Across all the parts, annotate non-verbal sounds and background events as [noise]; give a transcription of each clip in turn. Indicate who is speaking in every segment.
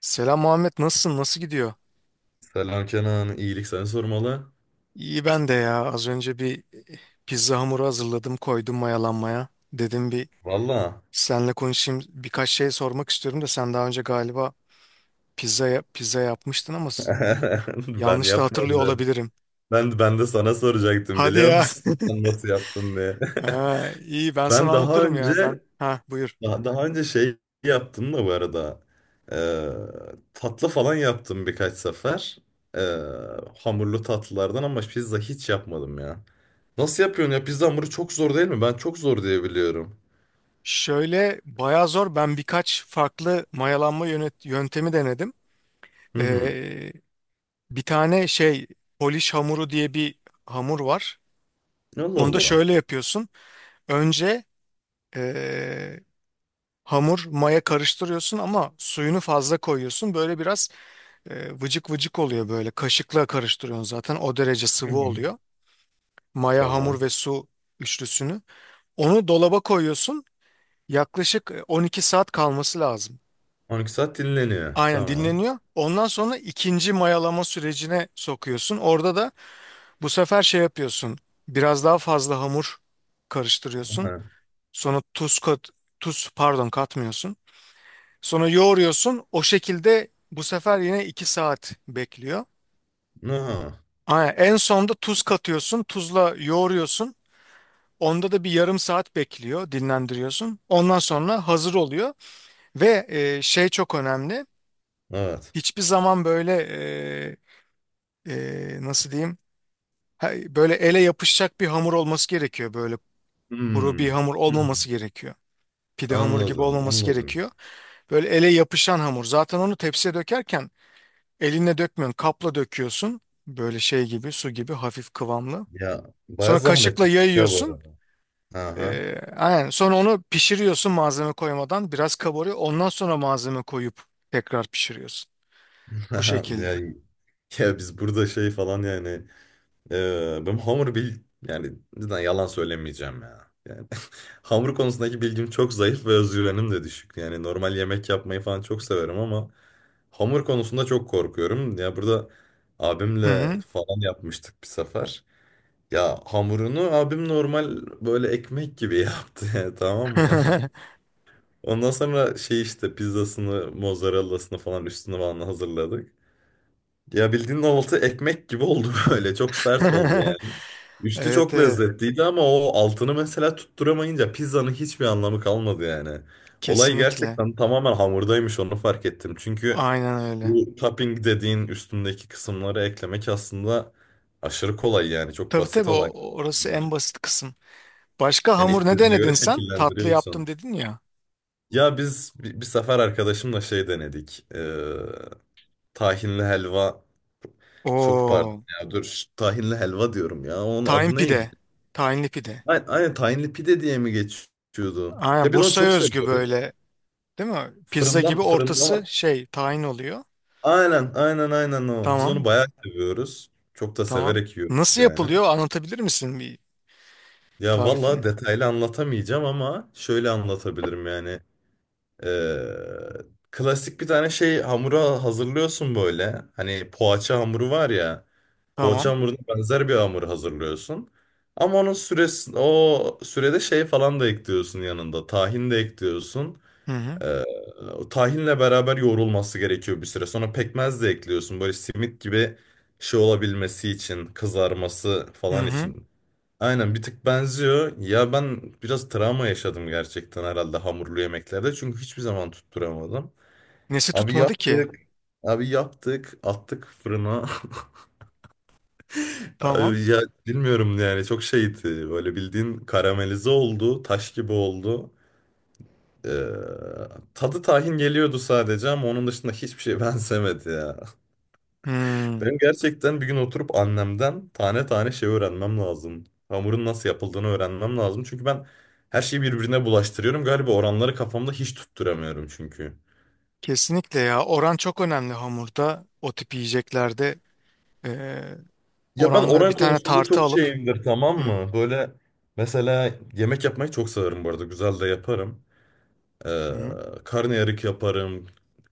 Speaker 1: Selam Muhammed, nasılsın? Nasıl gidiyor?
Speaker 2: Selam Kenan, iyilik seni sormalı.
Speaker 1: İyi ben de ya. Az önce bir e, pizza hamuru hazırladım, koydum mayalanmaya. Dedim bir
Speaker 2: Valla
Speaker 1: seninle konuşayım. Birkaç şey sormak istiyorum da sen daha önce galiba pizza yapmıştın ama
Speaker 2: [laughs] ben
Speaker 1: yanlış da hatırlıyor
Speaker 2: yapmadım.
Speaker 1: olabilirim.
Speaker 2: Ben de sana soracaktım
Speaker 1: Hadi
Speaker 2: biliyor
Speaker 1: ya.
Speaker 2: musun? [laughs] Sen
Speaker 1: [laughs]
Speaker 2: nasıl yaptın diye. [laughs]
Speaker 1: Ha, iyi ben sana
Speaker 2: Ben daha
Speaker 1: anlatırım ya
Speaker 2: önce
Speaker 1: ben. Ha buyur.
Speaker 2: şey yaptım da bu arada. Ee, tatlı falan yaptım birkaç sefer. Ee, hamurlu tatlılardan ama pizza hiç yapmadım ya. Nasıl yapıyorsun ya? Pizza hamuru çok zor değil mi? Ben çok zor diye biliyorum.
Speaker 1: Şöyle bayağı zor. Ben birkaç farklı mayalanma yöntemi denedim.
Speaker 2: Hı hı.
Speaker 1: Ee, bir tane şey Polish hamuru diye bir hamur var.
Speaker 2: Allah
Speaker 1: Onu da
Speaker 2: Allah.
Speaker 1: şöyle yapıyorsun. Önce eee, hamur maya karıştırıyorsun ama suyunu fazla koyuyorsun. Böyle biraz vıcık vıcık oluyor böyle. Kaşıkla karıştırıyorsun zaten. O derece
Speaker 2: Hı
Speaker 1: sıvı
Speaker 2: hı.
Speaker 1: oluyor. Maya, hamur
Speaker 2: Tamam.
Speaker 1: ve su üçlüsünü. Onu dolaba koyuyorsun. Yaklaşık 12 saat kalması lazım.
Speaker 2: 12 saat dinleniyor.
Speaker 1: Aynen
Speaker 2: Tamam.
Speaker 1: dinleniyor. Ondan sonra ikinci mayalama sürecine sokuyorsun. Orada da bu sefer şey yapıyorsun. Biraz daha fazla hamur karıştırıyorsun.
Speaker 2: [laughs]
Speaker 1: Sonra tuz pardon katmıyorsun. Sonra yoğuruyorsun. O şekilde bu sefer yine 2 saat bekliyor.
Speaker 2: Aha,
Speaker 1: Aynen. En sonda tuz katıyorsun. Tuzla yoğuruyorsun. Onda da bir yarım saat bekliyor, dinlendiriyorsun. Ondan sonra hazır oluyor. Ve şey çok önemli.
Speaker 2: evet.
Speaker 1: Hiçbir zaman böyle nasıl diyeyim? Böyle ele yapışacak bir hamur olması gerekiyor. Böyle kuru bir
Speaker 2: Hmm.
Speaker 1: hamur
Speaker 2: Hmm.
Speaker 1: olmaması gerekiyor. Pide hamuru gibi
Speaker 2: Anladım,
Speaker 1: olmaması
Speaker 2: anladım.
Speaker 1: gerekiyor. Böyle ele yapışan hamur. Zaten onu tepsiye dökerken elinle dökmüyorsun. Kapla döküyorsun. Böyle şey gibi su gibi hafif kıvamlı.
Speaker 2: Ya baya
Speaker 1: Sonra
Speaker 2: zahmetli
Speaker 1: kaşıkla
Speaker 2: ya bu
Speaker 1: yayıyorsun.
Speaker 2: arada. Aha.
Speaker 1: Aynen. Sonra onu pişiriyorsun malzeme koymadan. Biraz kabarıyor. Ondan sonra malzeme koyup tekrar pişiriyorsun. Bu
Speaker 2: [laughs] Ya,
Speaker 1: şekilde.
Speaker 2: ya biz burada şey falan yani e, benim hamur bil yani cidden yalan söylemeyeceğim ya. Yani [laughs] hamur konusundaki bilgim çok zayıf ve özgüvenim de düşük. Yani normal yemek yapmayı falan çok severim ama hamur konusunda çok korkuyorum. Ya burada
Speaker 1: Hı
Speaker 2: abimle
Speaker 1: hı.
Speaker 2: falan yapmıştık bir sefer. Ya hamurunu abim normal böyle ekmek gibi [laughs] yaptı yani, tamam mı?
Speaker 1: [laughs]
Speaker 2: Ondan sonra şey işte pizzasını, mozzarellasını falan üstünü falan hazırladık. Ya bildiğin altı ekmek gibi oldu [laughs] böyle. Çok sert oldu yani. Üstü
Speaker 1: Evet
Speaker 2: çok
Speaker 1: evet.
Speaker 2: lezzetliydi ama o altını mesela tutturamayınca pizzanın hiçbir anlamı kalmadı yani. Olay
Speaker 1: Kesinlikle.
Speaker 2: gerçekten tamamen hamurdaymış, onu fark ettim. Çünkü
Speaker 1: Aynen öyle.
Speaker 2: bu topping dediğin üstündeki kısımları eklemek aslında aşırı kolay yani. Çok
Speaker 1: Tabii
Speaker 2: basit
Speaker 1: tabii
Speaker 2: olaylar
Speaker 1: orası
Speaker 2: bunlar.
Speaker 1: en basit kısım. Başka
Speaker 2: Yani
Speaker 1: hamur ne
Speaker 2: istediğine göre
Speaker 1: denedin sen? Tatlı yaptım
Speaker 2: şekillendiriyorsun.
Speaker 1: dedin ya.
Speaker 2: Ya biz bir sefer arkadaşımla şey denedik. Tahinli helva. Çok pardon
Speaker 1: Oo.
Speaker 2: ya dur. Tahinli helva diyorum ya. Onun
Speaker 1: Tahin
Speaker 2: adı neydi?
Speaker 1: pide. Tahinli pide.
Speaker 2: Aynen, aynen tahinli pide diye mi geçiyordu?
Speaker 1: Aynen
Speaker 2: Ya biz onu
Speaker 1: Bursa'ya
Speaker 2: çok
Speaker 1: özgü
Speaker 2: seviyoruz.
Speaker 1: böyle, değil mi? Pizza
Speaker 2: Fırından
Speaker 1: gibi ortası
Speaker 2: fırından.
Speaker 1: şey tahin oluyor.
Speaker 2: Aynen aynen aynen o. Biz onu
Speaker 1: Tamam.
Speaker 2: bayağı seviyoruz. Çok da
Speaker 1: Tamam.
Speaker 2: severek yiyoruz
Speaker 1: Nasıl
Speaker 2: yani.
Speaker 1: yapılıyor anlatabilir misin bir
Speaker 2: Ya vallahi
Speaker 1: tarifini?
Speaker 2: detaylı anlatamayacağım ama şöyle anlatabilirim yani. Ee, klasik bir tane şey hamura hazırlıyorsun böyle. Hani poğaça hamuru var ya. Poğaça
Speaker 1: Tamam.
Speaker 2: hamuruna benzer bir hamur hazırlıyorsun. Ama onun süresi, o sürede şey falan da ekliyorsun yanında. Tahin de ekliyorsun.
Speaker 1: Hı hı.
Speaker 2: Ee, o tahinle beraber yoğrulması gerekiyor bir süre. Sonra pekmez de ekliyorsun. Böyle simit gibi şey olabilmesi için, kızarması
Speaker 1: Hı
Speaker 2: falan
Speaker 1: hı.
Speaker 2: için. Aynen bir tık benziyor. Ya ben biraz travma yaşadım gerçekten herhalde hamurlu yemeklerde. Çünkü hiçbir zaman tutturamadım.
Speaker 1: Nesi
Speaker 2: Abi
Speaker 1: tutmadı ki?
Speaker 2: yaptık, abi yaptık, attık fırına. [laughs]
Speaker 1: Tamam.
Speaker 2: Abi ya bilmiyorum yani çok şeydi. Böyle bildiğin karamelize oldu, taş gibi oldu. Ee, tadı tahin geliyordu sadece ama onun dışında hiçbir şey [laughs] benzemedi ya.
Speaker 1: Hmm.
Speaker 2: Ben gerçekten bir gün oturup annemden tane tane şey öğrenmem lazım. Hamurun nasıl yapıldığını öğrenmem lazım. Çünkü ben her şeyi birbirine bulaştırıyorum. Galiba oranları kafamda hiç tutturamıyorum çünkü.
Speaker 1: Kesinlikle ya. Oran çok önemli hamurda. O tip yiyeceklerde eee
Speaker 2: Ya ben
Speaker 1: oranları bir
Speaker 2: oran
Speaker 1: tane
Speaker 2: konusunda
Speaker 1: tartı
Speaker 2: çok
Speaker 1: alıp.
Speaker 2: şeyimdir tamam
Speaker 1: Hı
Speaker 2: mı? Böyle mesela yemek yapmayı çok severim bu arada. Güzel de yaparım. Ee,
Speaker 1: hı.
Speaker 2: karnıyarık yaparım.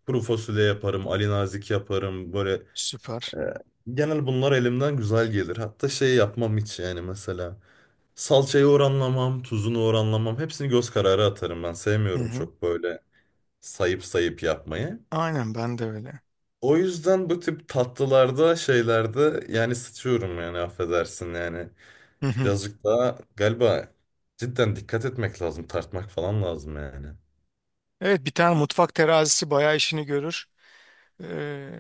Speaker 2: Kuru fasulye yaparım. Ali nazik yaparım. Böyle
Speaker 1: Süper.
Speaker 2: Ee, genel bunlar elimden güzel gelir. Hatta şey yapmam hiç yani mesela. Salçayı oranlamam, tuzunu oranlamam. Hepsini göz kararı atarım ben.
Speaker 1: Hı
Speaker 2: Sevmiyorum
Speaker 1: hı.
Speaker 2: çok böyle sayıp sayıp yapmayı.
Speaker 1: Aynen ben de öyle.
Speaker 2: O yüzden bu tip tatlılarda, şeylerde yani sıçıyorum yani affedersin yani.
Speaker 1: Hı hı.
Speaker 2: Birazcık daha galiba cidden dikkat etmek lazım. Tartmak falan lazım yani.
Speaker 1: Evet bir tane mutfak terazisi bayağı işini görür. Ee,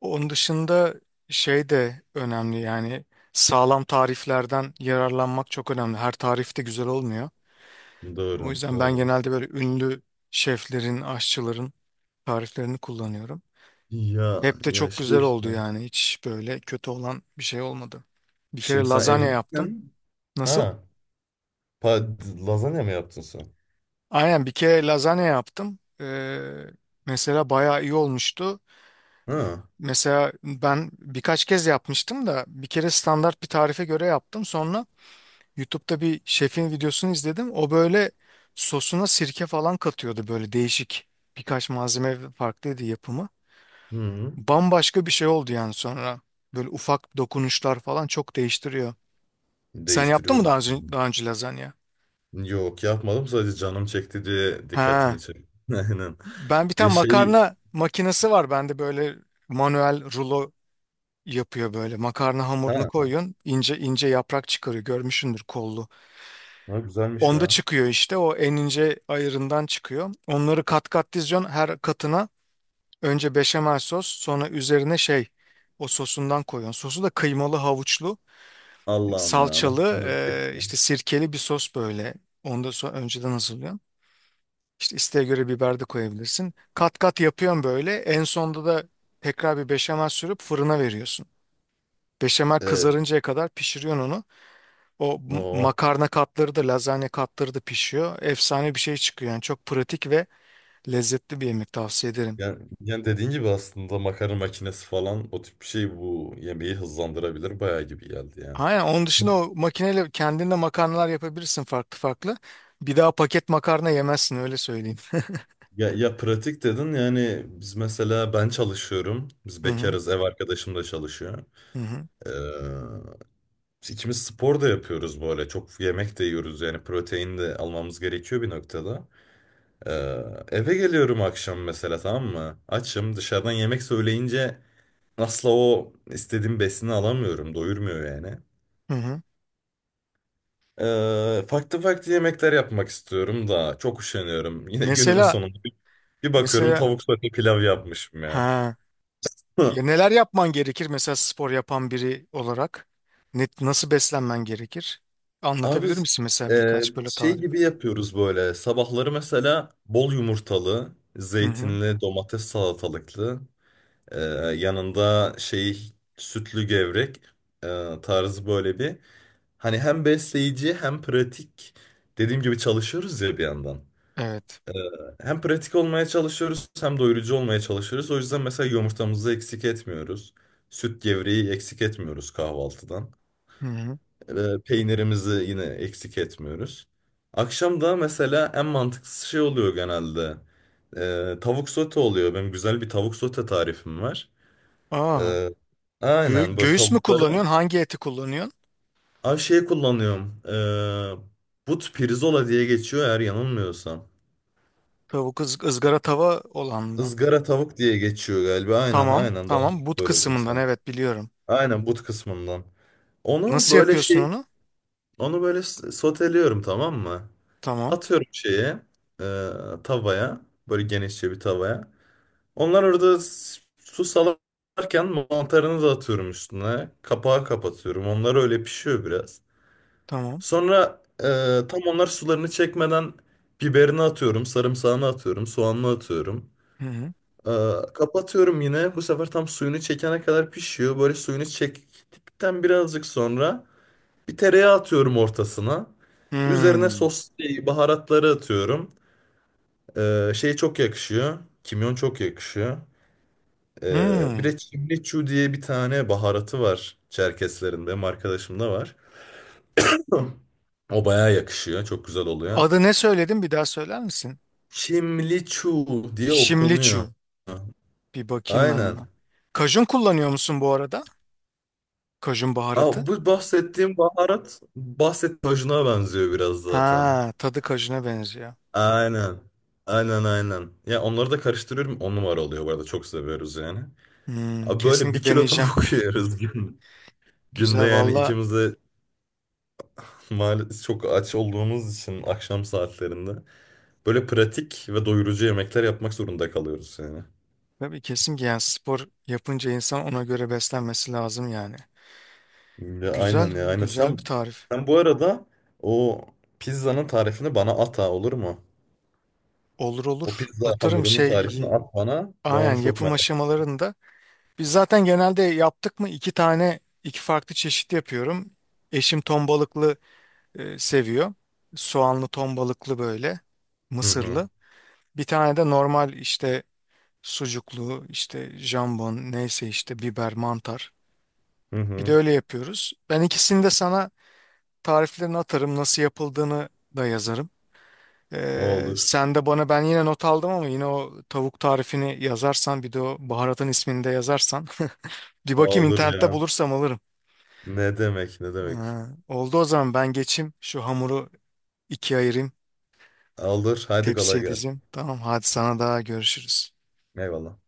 Speaker 1: onun dışında şey de önemli yani sağlam tariflerden yararlanmak çok önemli. Her tarif de güzel olmuyor. O
Speaker 2: Doğru,
Speaker 1: yüzden ben
Speaker 2: doğru.
Speaker 1: genelde böyle ünlü şeflerin, aşçıların tariflerini kullanıyorum.
Speaker 2: Ya,
Speaker 1: Hep de
Speaker 2: ya
Speaker 1: çok
Speaker 2: şey
Speaker 1: güzel oldu
Speaker 2: işte.
Speaker 1: yani hiç böyle kötü olan bir şey olmadı. Bir kere
Speaker 2: Şimdi sen
Speaker 1: lazanya yaptım.
Speaker 2: evlisin.
Speaker 1: Nasıl?
Speaker 2: Ha, pa lazanya mı yaptın sen?
Speaker 1: Aynen bir kere lazanya yaptım. Mesela bayağı iyi olmuştu.
Speaker 2: Ha.
Speaker 1: Mesela ben birkaç kez yapmıştım da bir kere standart bir tarife göre yaptım. Sonra YouTube'da bir şefin videosunu izledim. O böyle sosuna sirke falan katıyordu, böyle değişik birkaç malzeme farklıydı yapımı.
Speaker 2: Hı.
Speaker 1: Bambaşka bir şey oldu yani sonra. Böyle ufak dokunuşlar falan çok değiştiriyor. Sen yaptın mı
Speaker 2: Değiştiriyordur.
Speaker 1: daha önce, lazanya?
Speaker 2: Yok yapmadım, sadece canım çekti diye dikkatimi
Speaker 1: Ha.
Speaker 2: çekti. [laughs] Aynen.
Speaker 1: Ben bir
Speaker 2: Ya
Speaker 1: tane
Speaker 2: şey
Speaker 1: makarna makinesi var bende, böyle manuel rulo yapıyor böyle. Makarna hamurunu
Speaker 2: ha,
Speaker 1: koyuyorsun. İnce ince yaprak çıkarıyor. Görmüşsündür kollu.
Speaker 2: ha güzelmiş
Speaker 1: Onda
Speaker 2: ya.
Speaker 1: çıkıyor işte o en ince ayırından çıkıyor. Onları kat kat diziyorsun her katına. Önce beşamel sos, sonra üzerine şey o sosundan koyuyorsun. Sosu da kıymalı, havuçlu,
Speaker 2: Allah'ım ya nasıl
Speaker 1: salçalı
Speaker 2: canım çekti.
Speaker 1: işte sirkeli bir sos böyle. Onu da sonra önceden hazırlıyorsun. İşte isteğe göre biber de koyabilirsin. Kat kat yapıyorsun böyle. En sonda da tekrar bir beşamel sürüp fırına veriyorsun. Beşamel
Speaker 2: Evet.
Speaker 1: kızarıncaya kadar pişiriyorsun onu.
Speaker 2: O.
Speaker 1: Makarna katları da lazanya katları da pişiyor. Efsane bir şey çıkıyor yani çok pratik ve lezzetli bir yemek, tavsiye ederim.
Speaker 2: Yani, yani dediğin gibi aslında makarna makinesi falan o tip bir şey bu yemeği hızlandırabilir bayağı gibi geldi yani.
Speaker 1: Aynen, onun dışında o makineyle kendinde makarnalar yapabilirsin farklı farklı. Bir daha paket makarna yemezsin, öyle söyleyeyim.
Speaker 2: Ya pratik dedin yani biz mesela ben çalışıyorum. Biz
Speaker 1: Hı hı
Speaker 2: bekarız, ev arkadaşım da çalışıyor.
Speaker 1: hı hı.
Speaker 2: Ee, Biz İkimiz spor da yapıyoruz bu ara. Çok yemek de yiyoruz yani protein de almamız gerekiyor bir noktada. Ee, eve geliyorum akşam mesela tamam mı? Açım, dışarıdan yemek söyleyince asla o istediğim besini alamıyorum. Doyurmuyor yani.
Speaker 1: Hı hı.
Speaker 2: Farklı farklı yemekler yapmak istiyorum da çok üşeniyorum. [laughs] Yine günün
Speaker 1: Mesela
Speaker 2: sonunda bir bakıyorum
Speaker 1: mesela
Speaker 2: tavuk sote pilav yapmışım ya.
Speaker 1: ha
Speaker 2: [laughs]
Speaker 1: ya neler yapman gerekir mesela spor yapan biri olarak? Nasıl beslenmen gerekir?
Speaker 2: Abi
Speaker 1: Anlatabilir misin mesela birkaç böyle
Speaker 2: şey
Speaker 1: tarif?
Speaker 2: gibi yapıyoruz böyle. Sabahları mesela bol yumurtalı,
Speaker 1: Hı hı.
Speaker 2: zeytinli, domates salatalıklı, e, yanında şey sütlü gevrek tarzı böyle bir. Hani hem besleyici hem pratik. Dediğim gibi çalışıyoruz ya bir yandan.
Speaker 1: Evet.
Speaker 2: Hem pratik olmaya çalışıyoruz, hem doyurucu olmaya çalışıyoruz. O yüzden mesela yumurtamızı eksik etmiyoruz. Süt gevreği eksik etmiyoruz kahvaltıdan.
Speaker 1: Hı hı.
Speaker 2: E, peynirimizi yine eksik etmiyoruz. Akşam da mesela en mantıklı şey oluyor genelde. E, tavuk sote oluyor. Benim güzel bir tavuk sote tarifim var.
Speaker 1: Aa,
Speaker 2: E, aynen böyle
Speaker 1: Göğüs mü
Speaker 2: tavukları.
Speaker 1: kullanıyorsun? Hangi eti kullanıyorsun?
Speaker 2: Ay şey kullanıyorum. E, but pirzola diye geçiyor eğer yanılmıyorsam.
Speaker 1: Tavuk ızgara tava olan mı?
Speaker 2: Izgara tavuk diye geçiyor galiba. Aynen
Speaker 1: Tamam,
Speaker 2: aynen, daha doğru
Speaker 1: tamam. But
Speaker 2: söyledin
Speaker 1: kısmından
Speaker 2: sen.
Speaker 1: evet biliyorum.
Speaker 2: Aynen but kısmından. Onu
Speaker 1: Nasıl
Speaker 2: böyle
Speaker 1: yapıyorsun
Speaker 2: şey,
Speaker 1: onu?
Speaker 2: onu böyle soteliyorum tamam mı?
Speaker 1: Tamam,
Speaker 2: Atıyorum şeye, e, tavaya, böyle genişçe bir tavaya. Onlar orada su salarken mantarını da atıyorum üstüne. Kapağı kapatıyorum. Onlar öyle pişiyor biraz.
Speaker 1: tamam.
Speaker 2: Sonra tam onlar sularını çekmeden biberini atıyorum, sarımsağını atıyorum, soğanını atıyorum.
Speaker 1: Hı hı.
Speaker 2: E, kapatıyorum yine. Bu sefer tam suyunu çekene kadar pişiyor. Böyle suyunu çektikten birazcık sonra bir tereyağı atıyorum ortasına. Üzerine
Speaker 1: Hmm,
Speaker 2: sos, şey, baharatları atıyorum. Şey çok yakışıyor. Kimyon çok yakışıyor. Bir
Speaker 1: hmm.
Speaker 2: de Çimliçu diye bir tane baharatı var Çerkeslerin. Benim arkadaşımda var. [clears throat] [laughs] O bayağı yakışıyor. Çok güzel oluyor.
Speaker 1: Adı ne söyledin? Bir daha söyler misin?
Speaker 2: Çimliçu diye okunuyor.
Speaker 1: Şimliçu. Bir bakayım ben
Speaker 2: Aynen.
Speaker 1: ona. Kajun kullanıyor musun bu arada? Kajun baharatı.
Speaker 2: Aa, bu bahsettiğim baharat bahsettiğim tajına benziyor biraz zaten.
Speaker 1: Ha, tadı kajuna benziyor.
Speaker 2: Aynen. Aynen aynen. Ya onları da karıştırıyorum. On numara oluyor bu arada. Çok seviyoruz yani.
Speaker 1: Hmm,
Speaker 2: Abi böyle bir
Speaker 1: kesinlikle
Speaker 2: kilo
Speaker 1: deneyeceğim.
Speaker 2: tavuk [laughs] yiyoruz gün. Günde
Speaker 1: Güzel
Speaker 2: yani
Speaker 1: valla.
Speaker 2: ikimiz de maalesef çok aç olduğumuz için akşam saatlerinde böyle pratik ve doyurucu yemekler yapmak zorunda kalıyoruz yani.
Speaker 1: Tabii kesin ki yani spor yapınca insan ona göre beslenmesi lazım yani.
Speaker 2: Ya
Speaker 1: Güzel,
Speaker 2: aynen ya aynen.
Speaker 1: güzel
Speaker 2: Sen,
Speaker 1: bir tarif.
Speaker 2: sen bu arada o pizzanın tarifini bana at ha, olur mu?
Speaker 1: Olur
Speaker 2: O
Speaker 1: olur.
Speaker 2: pizza hamurunun tarifini at bana. Ben onu
Speaker 1: Aynen
Speaker 2: çok
Speaker 1: yapım
Speaker 2: merak
Speaker 1: aşamalarında. Biz zaten genelde yaptık mı iki tane, iki farklı çeşit yapıyorum. Eşim ton balıklı seviyor. Soğanlı ton balıklı böyle, mısırlı.
Speaker 2: ediyorum.
Speaker 1: Bir tane de normal işte sucuklu, işte jambon, neyse işte biber, mantar.
Speaker 2: Hı hı. Hı
Speaker 1: Bir de
Speaker 2: hı.
Speaker 1: öyle yapıyoruz. Ben ikisini de sana tariflerini atarım, nasıl yapıldığını da yazarım.
Speaker 2: Olur.
Speaker 1: Sen de bana, ben yine not aldım ama, yine o tavuk tarifini yazarsan bir de o baharatın ismini de yazarsan. [laughs] Bir bakayım
Speaker 2: Olur
Speaker 1: internette,
Speaker 2: ya.
Speaker 1: bulursam alırım.
Speaker 2: Ne demek ne demek.
Speaker 1: Ha, oldu o zaman ben geçeyim şu hamuru ikiye ayırayım,
Speaker 2: Olur. Haydi kolay
Speaker 1: tepsiye
Speaker 2: gelsin.
Speaker 1: dizeyim. Tamam hadi, sana daha görüşürüz.
Speaker 2: Eyvallah.